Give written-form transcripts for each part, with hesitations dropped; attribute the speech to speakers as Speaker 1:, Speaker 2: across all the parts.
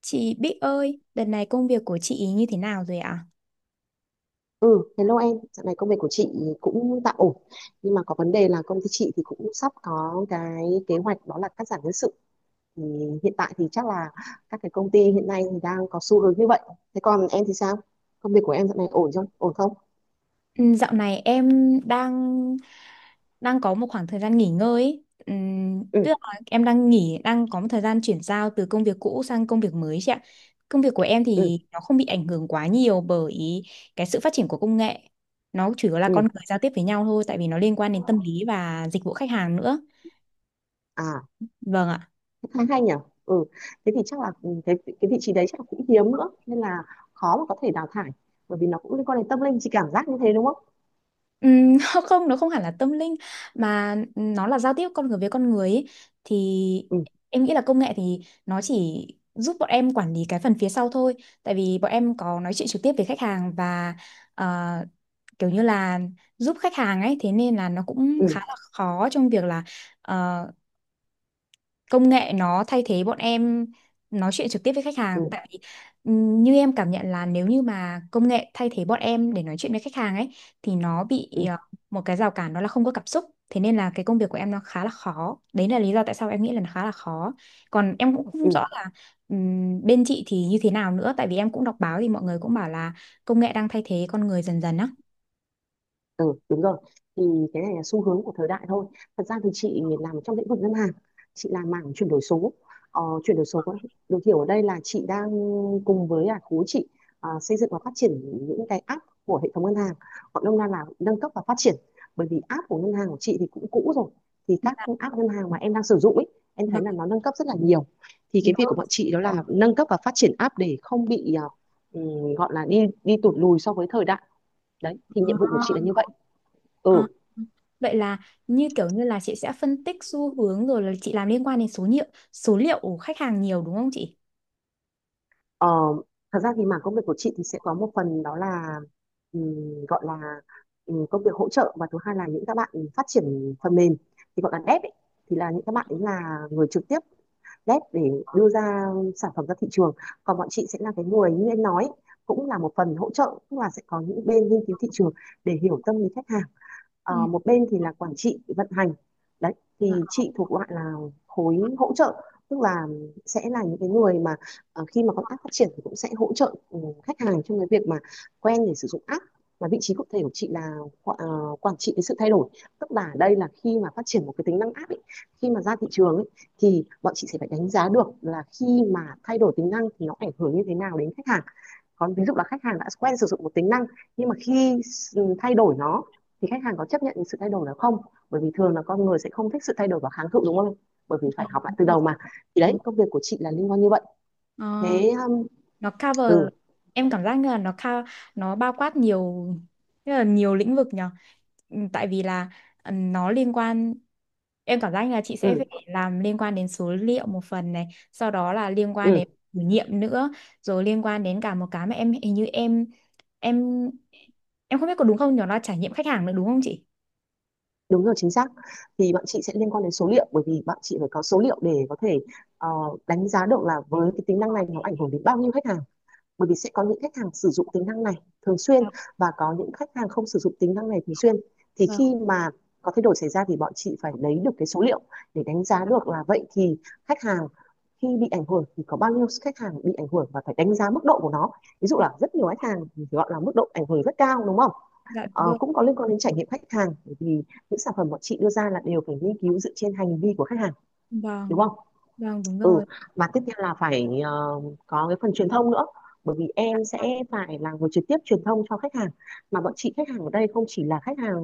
Speaker 1: Chị Bích ơi, đợt này công việc của chị ý như thế nào rồi ạ?
Speaker 2: Ừ, hello em, dạo này công việc của chị cũng tạm ổn nhưng mà có vấn đề là công ty chị thì cũng sắp có cái kế hoạch đó là cắt giảm nhân sự. Thì hiện tại thì chắc là các cái công ty hiện nay thì đang có xu hướng như vậy. Thế còn em thì sao? Công việc của em dạo này ổn không? Ổn không?
Speaker 1: Ừ, dạo này em đang đang có một khoảng thời gian nghỉ ngơi ấy.
Speaker 2: Ừ,
Speaker 1: Tức là em đang nghỉ, đang có một thời gian chuyển giao từ công việc cũ sang công việc mới chị ạ. Công việc của em
Speaker 2: ừ,
Speaker 1: thì nó không bị ảnh hưởng quá nhiều bởi cái sự phát triển của công nghệ. Nó chủ yếu là con
Speaker 2: ừ,
Speaker 1: người giao tiếp với nhau thôi, tại vì nó liên quan đến tâm lý và dịch vụ khách hàng nữa.
Speaker 2: à,
Speaker 1: Vâng ạ.
Speaker 2: thế khá hay nhỉ. ừ, Thế thì chắc là cái vị trí đấy chắc là cũng hiếm nữa nên là khó mà có thể đào thải, bởi vì nó cũng liên quan đến tâm linh, chị cảm giác như thế đúng không?
Speaker 1: Ừm, Không, nó không hẳn là tâm linh mà nó là giao tiếp con người với con người ấy. Thì
Speaker 2: Ừ,
Speaker 1: em nghĩ là công nghệ thì nó chỉ giúp bọn em quản lý cái phần phía sau thôi, tại vì bọn em có nói chuyện trực tiếp với khách hàng và ờ, kiểu như là giúp khách hàng ấy, thế nên là nó cũng
Speaker 2: ừ,
Speaker 1: khá là khó trong việc là ờ, công nghệ nó thay thế bọn em nói chuyện trực tiếp với khách hàng.
Speaker 2: ừ,
Speaker 1: Tại vì như em cảm nhận là nếu như mà công nghệ thay thế bọn em để nói chuyện với khách hàng ấy thì nó bị
Speaker 2: ừ,
Speaker 1: một cái rào cản đó là không có cảm xúc, thế nên là cái công việc của em nó khá là khó, đấy là lý do tại sao em nghĩ là nó khá là khó. Còn em cũng không
Speaker 2: ừ.
Speaker 1: rõ là bên chị thì như thế nào nữa, tại vì em cũng đọc báo thì mọi người cũng bảo là công nghệ đang thay thế con người dần dần á.
Speaker 2: Ừ, đúng rồi. Thì cái này là xu hướng của thời đại thôi. Thật ra thì chị làm trong lĩnh vực ngân hàng, chị làm mảng chuyển đổi số. Ờ, chuyển đổi số được hiểu ở đây là chị đang cùng với khối chị xây dựng và phát triển những cái app của hệ thống ngân hàng. Gọi nôm na là nâng cấp và phát triển. Bởi vì app của ngân hàng của chị thì cũng cũ rồi. Thì các
Speaker 1: Dạ,
Speaker 2: app ngân hàng mà em đang sử dụng ấy, em thấy
Speaker 1: vâng,
Speaker 2: là nó nâng cấp rất là nhiều. Thì
Speaker 1: đúng
Speaker 2: cái việc của bọn chị đó là nâng cấp và phát triển app để không bị gọi là đi đi tụt lùi so với thời đại. Đấy, thì nhiệm vụ của
Speaker 1: rồi.
Speaker 2: chị là như vậy.
Speaker 1: Ờ,
Speaker 2: Ừ,
Speaker 1: Vậy là như kiểu như là chị sẽ phân tích xu hướng rồi là chị làm liên quan đến số liệu của khách hàng nhiều đúng không chị?
Speaker 2: ờ, thật ra thì mảng công việc của chị thì sẽ có một phần đó là gọi là công việc hỗ trợ, và thứ hai là những các bạn phát triển phần mềm, thì gọi là dev ấy, thì là những các bạn ấy là người trực tiếp dev để đưa ra sản phẩm ra thị trường. Còn bọn chị sẽ là cái người như anh nói ấy, cũng là một phần hỗ trợ, tức là sẽ có những bên nghiên cứu thị trường để hiểu tâm lý khách hàng.
Speaker 1: Ừ.
Speaker 2: Một bên thì là quản trị vận hành, đấy
Speaker 1: Dạ.
Speaker 2: thì chị thuộc loại là khối hỗ trợ, tức là sẽ là những cái người mà khi mà con app phát triển thì cũng sẽ hỗ trợ khách hàng trong cái việc mà quen để sử dụng app, và vị trí cụ thể của chị là quản trị cái sự thay đổi, tức là ở đây là khi mà phát triển một cái tính năng app ấy, khi mà ra thị trường ấy, thì bọn chị sẽ phải đánh giá được là khi mà thay đổi tính năng thì nó ảnh hưởng như thế nào đến khách hàng. Còn ví dụ là khách hàng đã quen sử dụng một tính năng, nhưng mà khi thay đổi nó thì khách hàng có chấp nhận sự thay đổi đó không, bởi vì thường là con người sẽ không thích sự thay đổi và kháng cự đúng không, bởi vì
Speaker 1: Ờ,
Speaker 2: phải học lại từ đầu mà. Thì
Speaker 1: Đúng.
Speaker 2: đấy công việc của chị là liên quan như vậy.
Speaker 1: Ờ,
Speaker 2: Thế
Speaker 1: nó cover,
Speaker 2: ừ,
Speaker 1: em cảm giác như là nó nó bao quát nhiều, rất là nhiều lĩnh vực nhở. Ừ, tại vì là nó liên quan em cảm giác như là chị sẽ
Speaker 2: ừ,
Speaker 1: phải làm liên quan đến số liệu một phần này, sau đó là liên quan
Speaker 2: ừ,
Speaker 1: đến thử nghiệm nữa, rồi liên quan đến cả một cái mà em hình như em em không biết có đúng không nhỏ là trải nghiệm khách hàng nữa đúng không chị?
Speaker 2: đúng rồi chính xác. Thì bọn chị sẽ liên quan đến số liệu, bởi vì bọn chị phải có số liệu để có thể ờ, đánh giá được là với cái tính năng này nó ảnh hưởng đến bao nhiêu khách hàng. Bởi vì sẽ có những khách hàng sử dụng tính năng này thường xuyên,
Speaker 1: Dạ,
Speaker 2: và có những khách hàng không sử dụng tính năng này thường xuyên, thì
Speaker 1: vâng,
Speaker 2: khi mà có thay đổi xảy ra thì bọn chị phải lấy được cái số liệu để đánh giá được là vậy thì khách hàng khi bị ảnh hưởng thì có bao nhiêu khách hàng bị ảnh hưởng, và phải đánh giá mức độ của nó, ví dụ là rất nhiều khách hàng thì gọi là mức độ ảnh hưởng rất cao đúng không.
Speaker 1: dạ đúng rồi.
Speaker 2: Cũng có liên quan đến trải nghiệm khách hàng, bởi vì những sản phẩm bọn chị đưa ra là đều phải nghiên cứu dựa trên hành vi của khách hàng đúng
Speaker 1: Vâng,
Speaker 2: không.
Speaker 1: vâng đúng
Speaker 2: Ừ,
Speaker 1: rồi.
Speaker 2: và tiếp theo là phải có cái phần truyền thông nữa, bởi vì
Speaker 1: Dạ,
Speaker 2: em sẽ phải là người trực tiếp truyền thông cho khách hàng. Mà bọn chị khách hàng ở đây không chỉ là khách hàng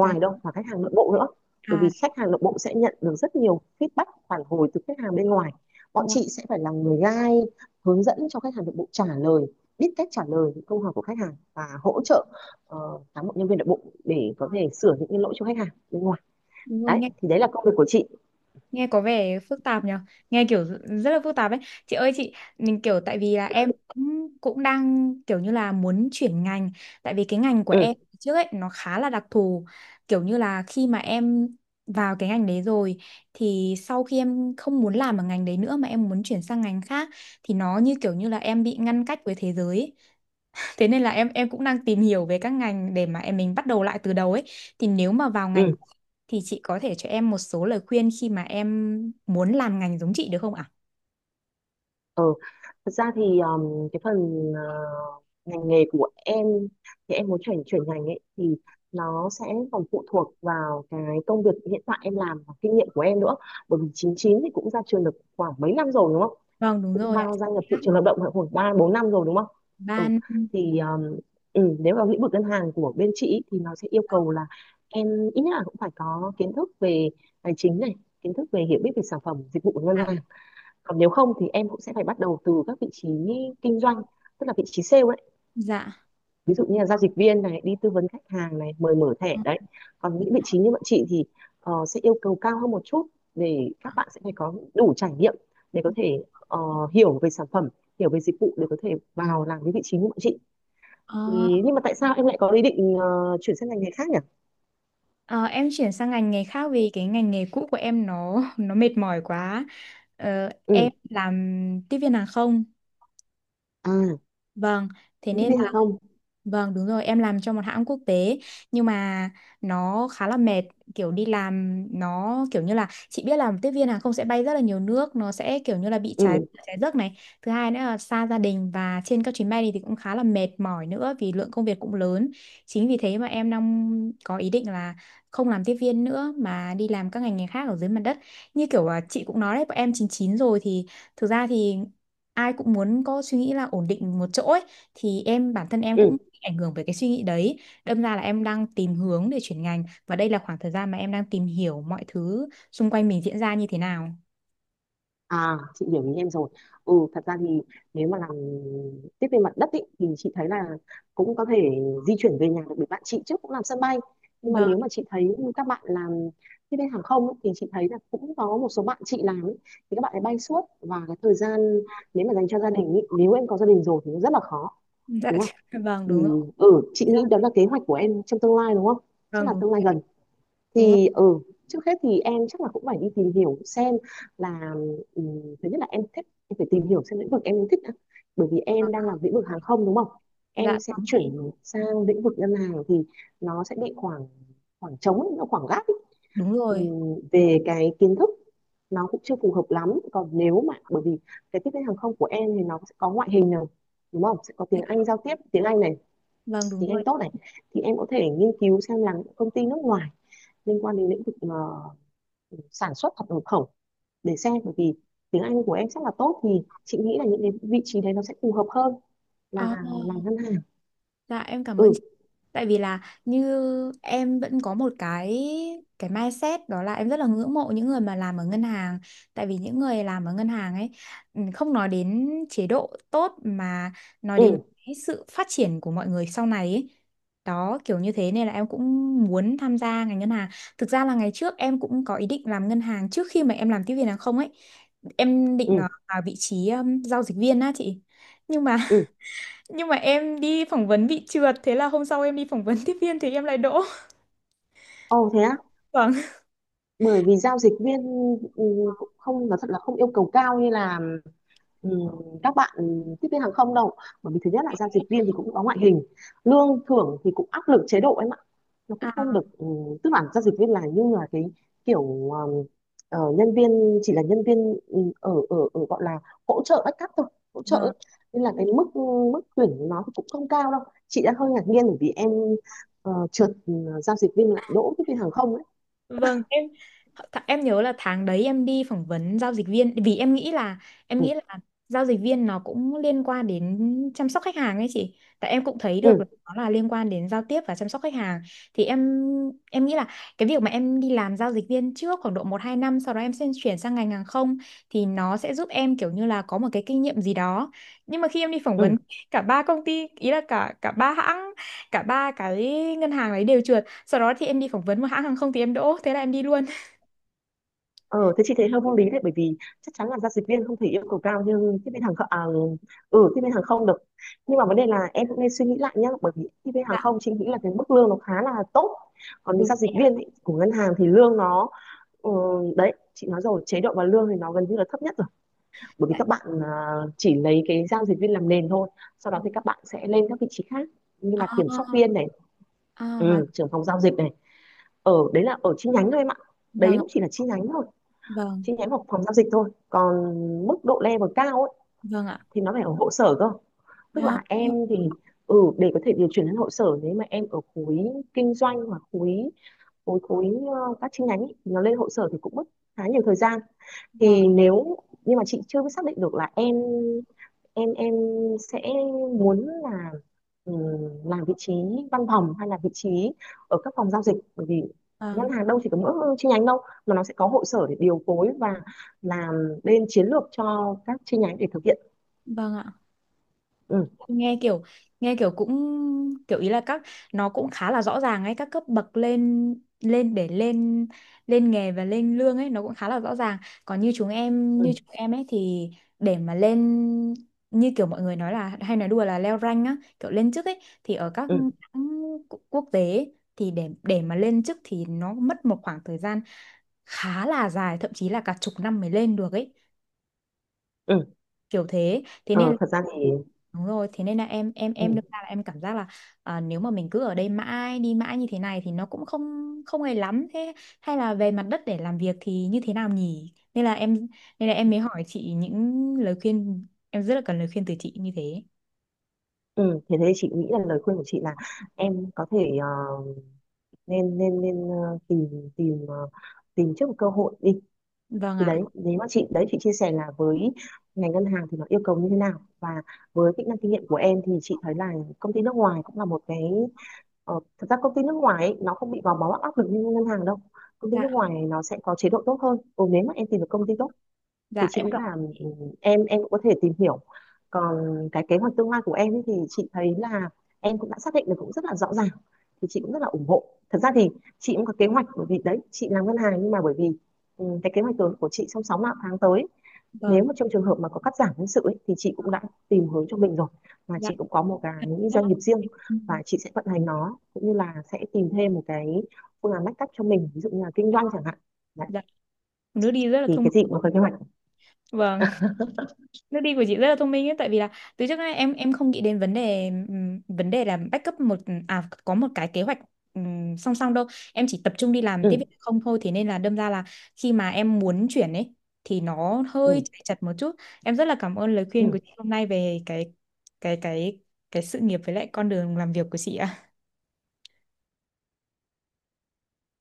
Speaker 1: cái-
Speaker 2: đâu mà khách hàng nội bộ nữa, bởi vì
Speaker 1: à,
Speaker 2: khách hàng nội bộ sẽ nhận được rất nhiều feedback phản hồi từ khách hàng bên ngoài. Bọn
Speaker 1: vâng,
Speaker 2: chị sẽ phải là người guide, hướng dẫn cho khách hàng nội bộ trả lời, biết cách trả lời những câu hỏi của khách hàng, và hỗ trợ ờ, cán bộ nhân viên nội bộ để có thể sửa những cái lỗi cho khách hàng bên ngoài.
Speaker 1: đúng rồi,
Speaker 2: Đấy
Speaker 1: nghe
Speaker 2: thì đấy là công việc của chị.
Speaker 1: nghe có vẻ phức tạp nhở, nghe kiểu rất là phức tạp ấy. Chị ơi chị, mình kiểu tại vì là em
Speaker 2: Ừ,
Speaker 1: cũng cũng đang kiểu như là muốn chuyển ngành, tại vì cái ngành của em
Speaker 2: ừ,
Speaker 1: trước ấy nó khá là đặc thù, kiểu như là khi mà em vào cái ngành đấy rồi thì sau khi em không muốn làm ở ngành đấy nữa mà em muốn chuyển sang ngành khác thì nó như kiểu như là em bị ngăn cách với thế giới ấy. Thế nên là em cũng đang tìm hiểu về các ngành để mà em mình bắt đầu lại từ đầu ấy. Thì nếu mà vào ngành
Speaker 2: ừ,
Speaker 1: của chị, thì chị có thể cho em một số lời khuyên khi mà em muốn làm ngành giống chị được không ạ?
Speaker 2: ừ. Thật ra thì cái phần ờ, ngành nghề của em thì em muốn chuyển chuyển ngành ấy thì nó sẽ còn phụ thuộc vào cái công việc hiện tại em làm và kinh nghiệm của em nữa, bởi vì 99 thì cũng ra trường được khoảng mấy năm rồi đúng không,
Speaker 1: Vâng đúng
Speaker 2: cũng
Speaker 1: rồi ạ.
Speaker 2: vào gia nhập thị trường lao động khoảng ba bốn năm rồi đúng không. Ừ,
Speaker 1: Ban
Speaker 2: thì nếu vào lĩnh vực ngân hàng của bên chị ý, thì nó sẽ yêu cầu là em ít nhất là cũng phải có kiến thức về tài chính này, kiến thức về hiểu biết về sản phẩm dịch vụ của ngân
Speaker 1: dạ.
Speaker 2: hàng. Còn nếu không thì em cũng sẽ phải bắt đầu từ các vị trí kinh doanh, tức là vị trí sale ấy,
Speaker 1: Dạ.
Speaker 2: ví dụ như là giao dịch viên này, đi tư vấn khách hàng này, mời mở thẻ đấy. Còn những vị trí như bọn chị thì sẽ yêu cầu cao hơn một chút, để các bạn sẽ phải có đủ trải nghiệm để có thể hiểu về sản phẩm, hiểu về dịch vụ để có thể vào làm cái vị trí như bọn chị.
Speaker 1: Ờ,
Speaker 2: Thì nhưng mà tại sao em lại có ý định chuyển sang ngành nghề khác nhỉ.
Speaker 1: ờ, em chuyển sang ngành nghề khác vì cái ngành nghề cũ của em nó mệt mỏi quá.
Speaker 2: Ừ,
Speaker 1: Em làm tiếp viên hàng không.
Speaker 2: à,
Speaker 1: Vâng, thế
Speaker 2: tiếp
Speaker 1: nên
Speaker 2: viên hàng
Speaker 1: là,
Speaker 2: không,
Speaker 1: vâng đúng rồi, em làm cho một hãng quốc tế, nhưng mà nó khá là mệt, kiểu đi làm nó kiểu như là chị biết là tiếp viên hàng không sẽ bay rất là nhiều nước, nó sẽ kiểu như là bị trái
Speaker 2: ừ,
Speaker 1: trái giấc này. Thứ hai nữa là xa gia đình và trên các chuyến bay này thì cũng khá là mệt mỏi nữa vì lượng công việc cũng lớn. Chính vì thế mà em đang có ý định là không làm tiếp viên nữa mà đi làm các ngành nghề khác ở dưới mặt đất. Như kiểu là chị cũng nói đấy, bọn em 99 rồi thì thực ra thì ai cũng muốn có suy nghĩ là ổn định một chỗ ấy, thì em bản thân em cũng
Speaker 2: ừ.
Speaker 1: bị ảnh hưởng bởi cái suy nghĩ đấy, đâm ra là em đang tìm hướng để chuyển ngành và đây là khoảng thời gian mà em đang tìm hiểu mọi thứ xung quanh mình diễn ra như thế nào.
Speaker 2: À, chị hiểu ý em rồi. Ừ, thật ra thì nếu mà làm tiếp viên mặt đất ý, thì chị thấy là cũng có thể di chuyển về nhà được, bởi bạn chị trước cũng làm sân bay. Nhưng mà
Speaker 1: Vâng.
Speaker 2: nếu mà chị thấy các bạn làm tiếp viên hàng không ý, thì chị thấy là cũng có một số bạn chị làm ý, thì các bạn ấy bay suốt và cái thời gian nếu mà dành cho gia đình ý, nếu em có gia đình rồi thì nó rất là khó,
Speaker 1: Dạ.
Speaker 2: đúng không?
Speaker 1: Vâng đúng rồi.
Speaker 2: Thì chị
Speaker 1: Dạ,
Speaker 2: nghĩ đó là kế hoạch của em trong tương lai đúng không? Chắc
Speaker 1: vâng
Speaker 2: là
Speaker 1: đúng,
Speaker 2: tương lai gần.
Speaker 1: đúng rồi.
Speaker 2: Thì trước hết thì em chắc là cũng phải đi tìm hiểu xem là ừm, thứ nhất là em thích, em phải tìm hiểu xem lĩnh vực em thích đã. Bởi vì em đang làm lĩnh vực hàng không đúng không,
Speaker 1: Dạ
Speaker 2: em sẽ
Speaker 1: đúng rồi.
Speaker 2: chuyển sang lĩnh vực ngân hàng thì nó sẽ bị khoảng, khoảng trống ấy, nó khoảng gap ấy.
Speaker 1: Đúng rồi.
Speaker 2: Về cái kiến thức nó cũng chưa phù hợp lắm, còn nếu mà bởi vì cái tiếp viên hàng không của em thì nó sẽ có ngoại hình này đúng không, sẽ có tiếng
Speaker 1: Dạ,
Speaker 2: Anh giao tiếp, tiếng Anh này,
Speaker 1: vâng đúng
Speaker 2: tiếng Anh
Speaker 1: rồi.
Speaker 2: tốt này, thì em có thể nghiên cứu xem là công ty nước ngoài liên quan đến lĩnh vực ờ, sản xuất hoặc nhập khẩu, để xem bởi vì tiếng Anh của em rất là tốt, thì chị nghĩ là những cái vị trí đấy nó sẽ phù hợp hơn là
Speaker 1: Ờ,
Speaker 2: làm ngân hàng.
Speaker 1: dạ em cảm ơn.
Speaker 2: Ừ,
Speaker 1: Tại vì là, như em vẫn có một cái mindset đó là em rất là ngưỡng mộ những người mà làm ở ngân hàng. Tại vì những người làm ở ngân hàng ấy, không nói đến chế độ tốt mà nói
Speaker 2: ừ,
Speaker 1: đến cái sự phát triển của mọi người sau này ấy. Đó kiểu như thế nên là em cũng muốn tham gia ngành ngân hàng. Thực ra là ngày trước em cũng có ý định làm ngân hàng trước khi mà em làm tiếp viên hàng không ấy. Em định
Speaker 2: ừ,
Speaker 1: vào vị trí giao dịch viên á chị. Nhưng mà
Speaker 2: ừ,
Speaker 1: nhưng mà em đi phỏng vấn bị trượt, thế là hôm sau em đi phỏng vấn tiếp viên thì em lại đỗ.
Speaker 2: ồ thế á.
Speaker 1: Vâng.
Speaker 2: Bởi vì giao dịch viên ừ, cũng không là thật là không yêu cầu cao như là Ừ, các bạn tiếp viên hàng không đâu. Bởi vì thứ nhất là giao dịch viên thì cũng có ngoại hình, lương thưởng thì cũng áp lực, chế độ em ạ nó cũng
Speaker 1: À,
Speaker 2: không được. Ừ, Tức là giao dịch viên là như là cái kiểu nhân viên, chỉ là nhân viên ở ở ở gọi là hỗ trợ backup thôi, hỗ trợ ấy.
Speaker 1: vâng.
Speaker 2: Nên là cái mức, mức tuyển nó thì cũng không cao đâu. Chị đã hơi ngạc nhiên bởi vì em trượt giao dịch viên lại đỗ tiếp viên hàng không ấy.
Speaker 1: Vâng, em nhớ là tháng đấy em đi phỏng vấn giao dịch viên, vì em nghĩ là em
Speaker 2: Ừ,
Speaker 1: nghĩ là giao dịch viên nó cũng liên quan đến chăm sóc khách hàng ấy chị. Tại em cũng thấy được là
Speaker 2: ừ,
Speaker 1: nó là liên quan đến giao tiếp và chăm sóc khách hàng. Thì em nghĩ là cái việc mà em đi làm giao dịch viên trước khoảng độ một 2 năm, sau đó em sẽ chuyển sang ngành hàng không thì nó sẽ giúp em kiểu như là có một cái kinh nghiệm gì đó. Nhưng mà khi em đi phỏng vấn
Speaker 2: ừ.
Speaker 1: cả ba công ty, ý là cả cả ba hãng, cả ba cái ngân hàng đấy đều chừa, sau đó thì em đi phỏng vấn một hãng hàng không thì em đỗ, thế là em đi luôn.
Speaker 2: Ờ, thế chị thấy hơi vô lý đấy, bởi vì chắc chắn là giao dịch viên không thể yêu cầu cao như tiếp viên hàng không, tiếp viên hàng không được. Nhưng mà vấn đề là em cũng nên suy nghĩ lại nhá, bởi vì tiếp viên hàng
Speaker 1: Dạ
Speaker 2: không chị nghĩ là cái mức lương nó khá là tốt. Còn
Speaker 1: đúng
Speaker 2: giao dịch viên ý, của ngân hàng thì lương nó, ừ, đấy chị nói rồi, chế độ và lương thì nó gần như là thấp nhất rồi. Bởi vì
Speaker 1: vậy.
Speaker 2: các bạn chỉ lấy cái giao dịch viên làm nền thôi, sau đó thì các bạn sẽ lên các vị trí khác như là kiểm soát
Speaker 1: À,
Speaker 2: viên này,
Speaker 1: à hóa,
Speaker 2: trưởng phòng giao dịch này, ở đấy là ở chi nhánh thôi em ạ. Đấy
Speaker 1: vâng ạ,
Speaker 2: cũng chỉ là chi nhánh thôi,
Speaker 1: vâng,
Speaker 2: chi nhánh hoặc phòng giao dịch thôi. Còn mức độ level cao ấy,
Speaker 1: vâng ạ.
Speaker 2: thì nó phải ở hội sở cơ, tức
Speaker 1: Đó,
Speaker 2: là em thì ừ, để có thể điều chuyển đến hội sở nếu mà em ở khối kinh doanh hoặc khối khối khối các chi nhánh ấy, thì nó lên hội sở thì cũng mất khá nhiều thời gian.
Speaker 1: vâng,
Speaker 2: Thì nếu, nhưng mà chị chưa biết xác định được là em sẽ muốn là ừm, làm vị trí văn phòng hay là vị trí ở các phòng giao dịch. Bởi vì ngân
Speaker 1: vâng,
Speaker 2: hàng đâu chỉ có mỗi chi nhánh đâu, mà nó sẽ có hội sở để điều phối và làm bên chiến lược cho các chi nhánh để thực hiện.
Speaker 1: vâng ạ.
Speaker 2: Ừ,
Speaker 1: nghe kiểu nghe kiểu cũng kiểu, ý là nó cũng khá là rõ ràng ấy, các cấp bậc lên lên để lên lên nghề và lên lương ấy nó cũng khá là rõ ràng. Còn như chúng em
Speaker 2: ừ,
Speaker 1: như chúng em ấy thì để mà lên, như kiểu mọi người nói là hay nói đùa là leo rank á, kiểu lên chức ấy, thì ở các
Speaker 2: ừ,
Speaker 1: hãng quốc tế ấy, thì để mà lên chức thì nó mất một khoảng thời gian khá là dài, thậm chí là cả chục năm mới lên được ấy,
Speaker 2: ừ,
Speaker 1: kiểu thế thế
Speaker 2: ờ,
Speaker 1: nên.
Speaker 2: thật ra thì,
Speaker 1: Đúng rồi, thế nên là em
Speaker 2: ừ,
Speaker 1: đâm ra là em cảm giác là, à, nếu mà mình cứ ở đây mãi đi mãi như thế này thì nó cũng không không hay lắm, thế hay là về mặt đất để làm việc thì như thế nào nhỉ? Nên là em mới hỏi chị những lời khuyên, em rất là cần lời khuyên từ chị như thế.
Speaker 2: ừ, thế thế chị nghĩ là lời khuyên của chị là em có thể nên nên nên tìm tìm tìm trước một cơ hội đi.
Speaker 1: Vâng
Speaker 2: Thì
Speaker 1: ạ.
Speaker 2: đấy nếu mà chị, đấy chị chia sẻ là với ngành ngân hàng thì nó yêu cầu như thế nào, và với kỹ năng kinh nghiệm của em thì chị thấy là công ty nước ngoài cũng là một cái, thật ra công ty nước ngoài ấy, nó không bị gò bó áp lực như ngân hàng đâu. Công ty
Speaker 1: Dạ,
Speaker 2: nước ngoài nó sẽ có chế độ tốt hơn, nếu mà em tìm được công ty tốt thì
Speaker 1: dạ,
Speaker 2: chị
Speaker 1: em
Speaker 2: nghĩ
Speaker 1: cảm
Speaker 2: là em cũng có thể tìm hiểu. Còn cái kế hoạch tương lai của em ấy thì chị thấy là em cũng đã xác định được cũng rất là rõ ràng, thì chị cũng rất là ủng hộ. Thật ra thì chị cũng có kế hoạch, bởi vì đấy chị làm ngân hàng, nhưng mà bởi vì cái kế hoạch của chị trong 6 tháng tới, nếu
Speaker 1: vâng,
Speaker 2: mà trong trường hợp mà có cắt giảm nhân sự ấy, thì chị cũng đã tìm hướng cho mình rồi. Và
Speaker 1: dạ.
Speaker 2: chị cũng có một cái
Speaker 1: Rất
Speaker 2: doanh
Speaker 1: là-
Speaker 2: nghiệp riêng, và chị sẽ vận hành nó, cũng như là sẽ tìm thêm một cái phương án backup cho mình, ví dụ như là kinh doanh chẳng hạn, đấy,
Speaker 1: Dạ, nước đi rất là
Speaker 2: thì
Speaker 1: thông
Speaker 2: cái gì
Speaker 1: minh.
Speaker 2: cũng có kế hoạch.
Speaker 1: Vâng. Nước đi của chị rất là thông minh ấy, tại vì là từ trước đến nay em không nghĩ đến vấn đề là backup một à có một cái kế hoạch, song song đâu. Em chỉ tập trung đi làm tiếp
Speaker 2: Ừ,
Speaker 1: việc không thôi, thế nên là đâm ra là khi mà em muốn chuyển ấy thì nó hơi
Speaker 2: ừ,
Speaker 1: chạy chật một chút. Em rất là cảm ơn lời khuyên của
Speaker 2: ừ.
Speaker 1: chị hôm nay về cái cái cái sự nghiệp với lại con đường làm việc của chị ạ.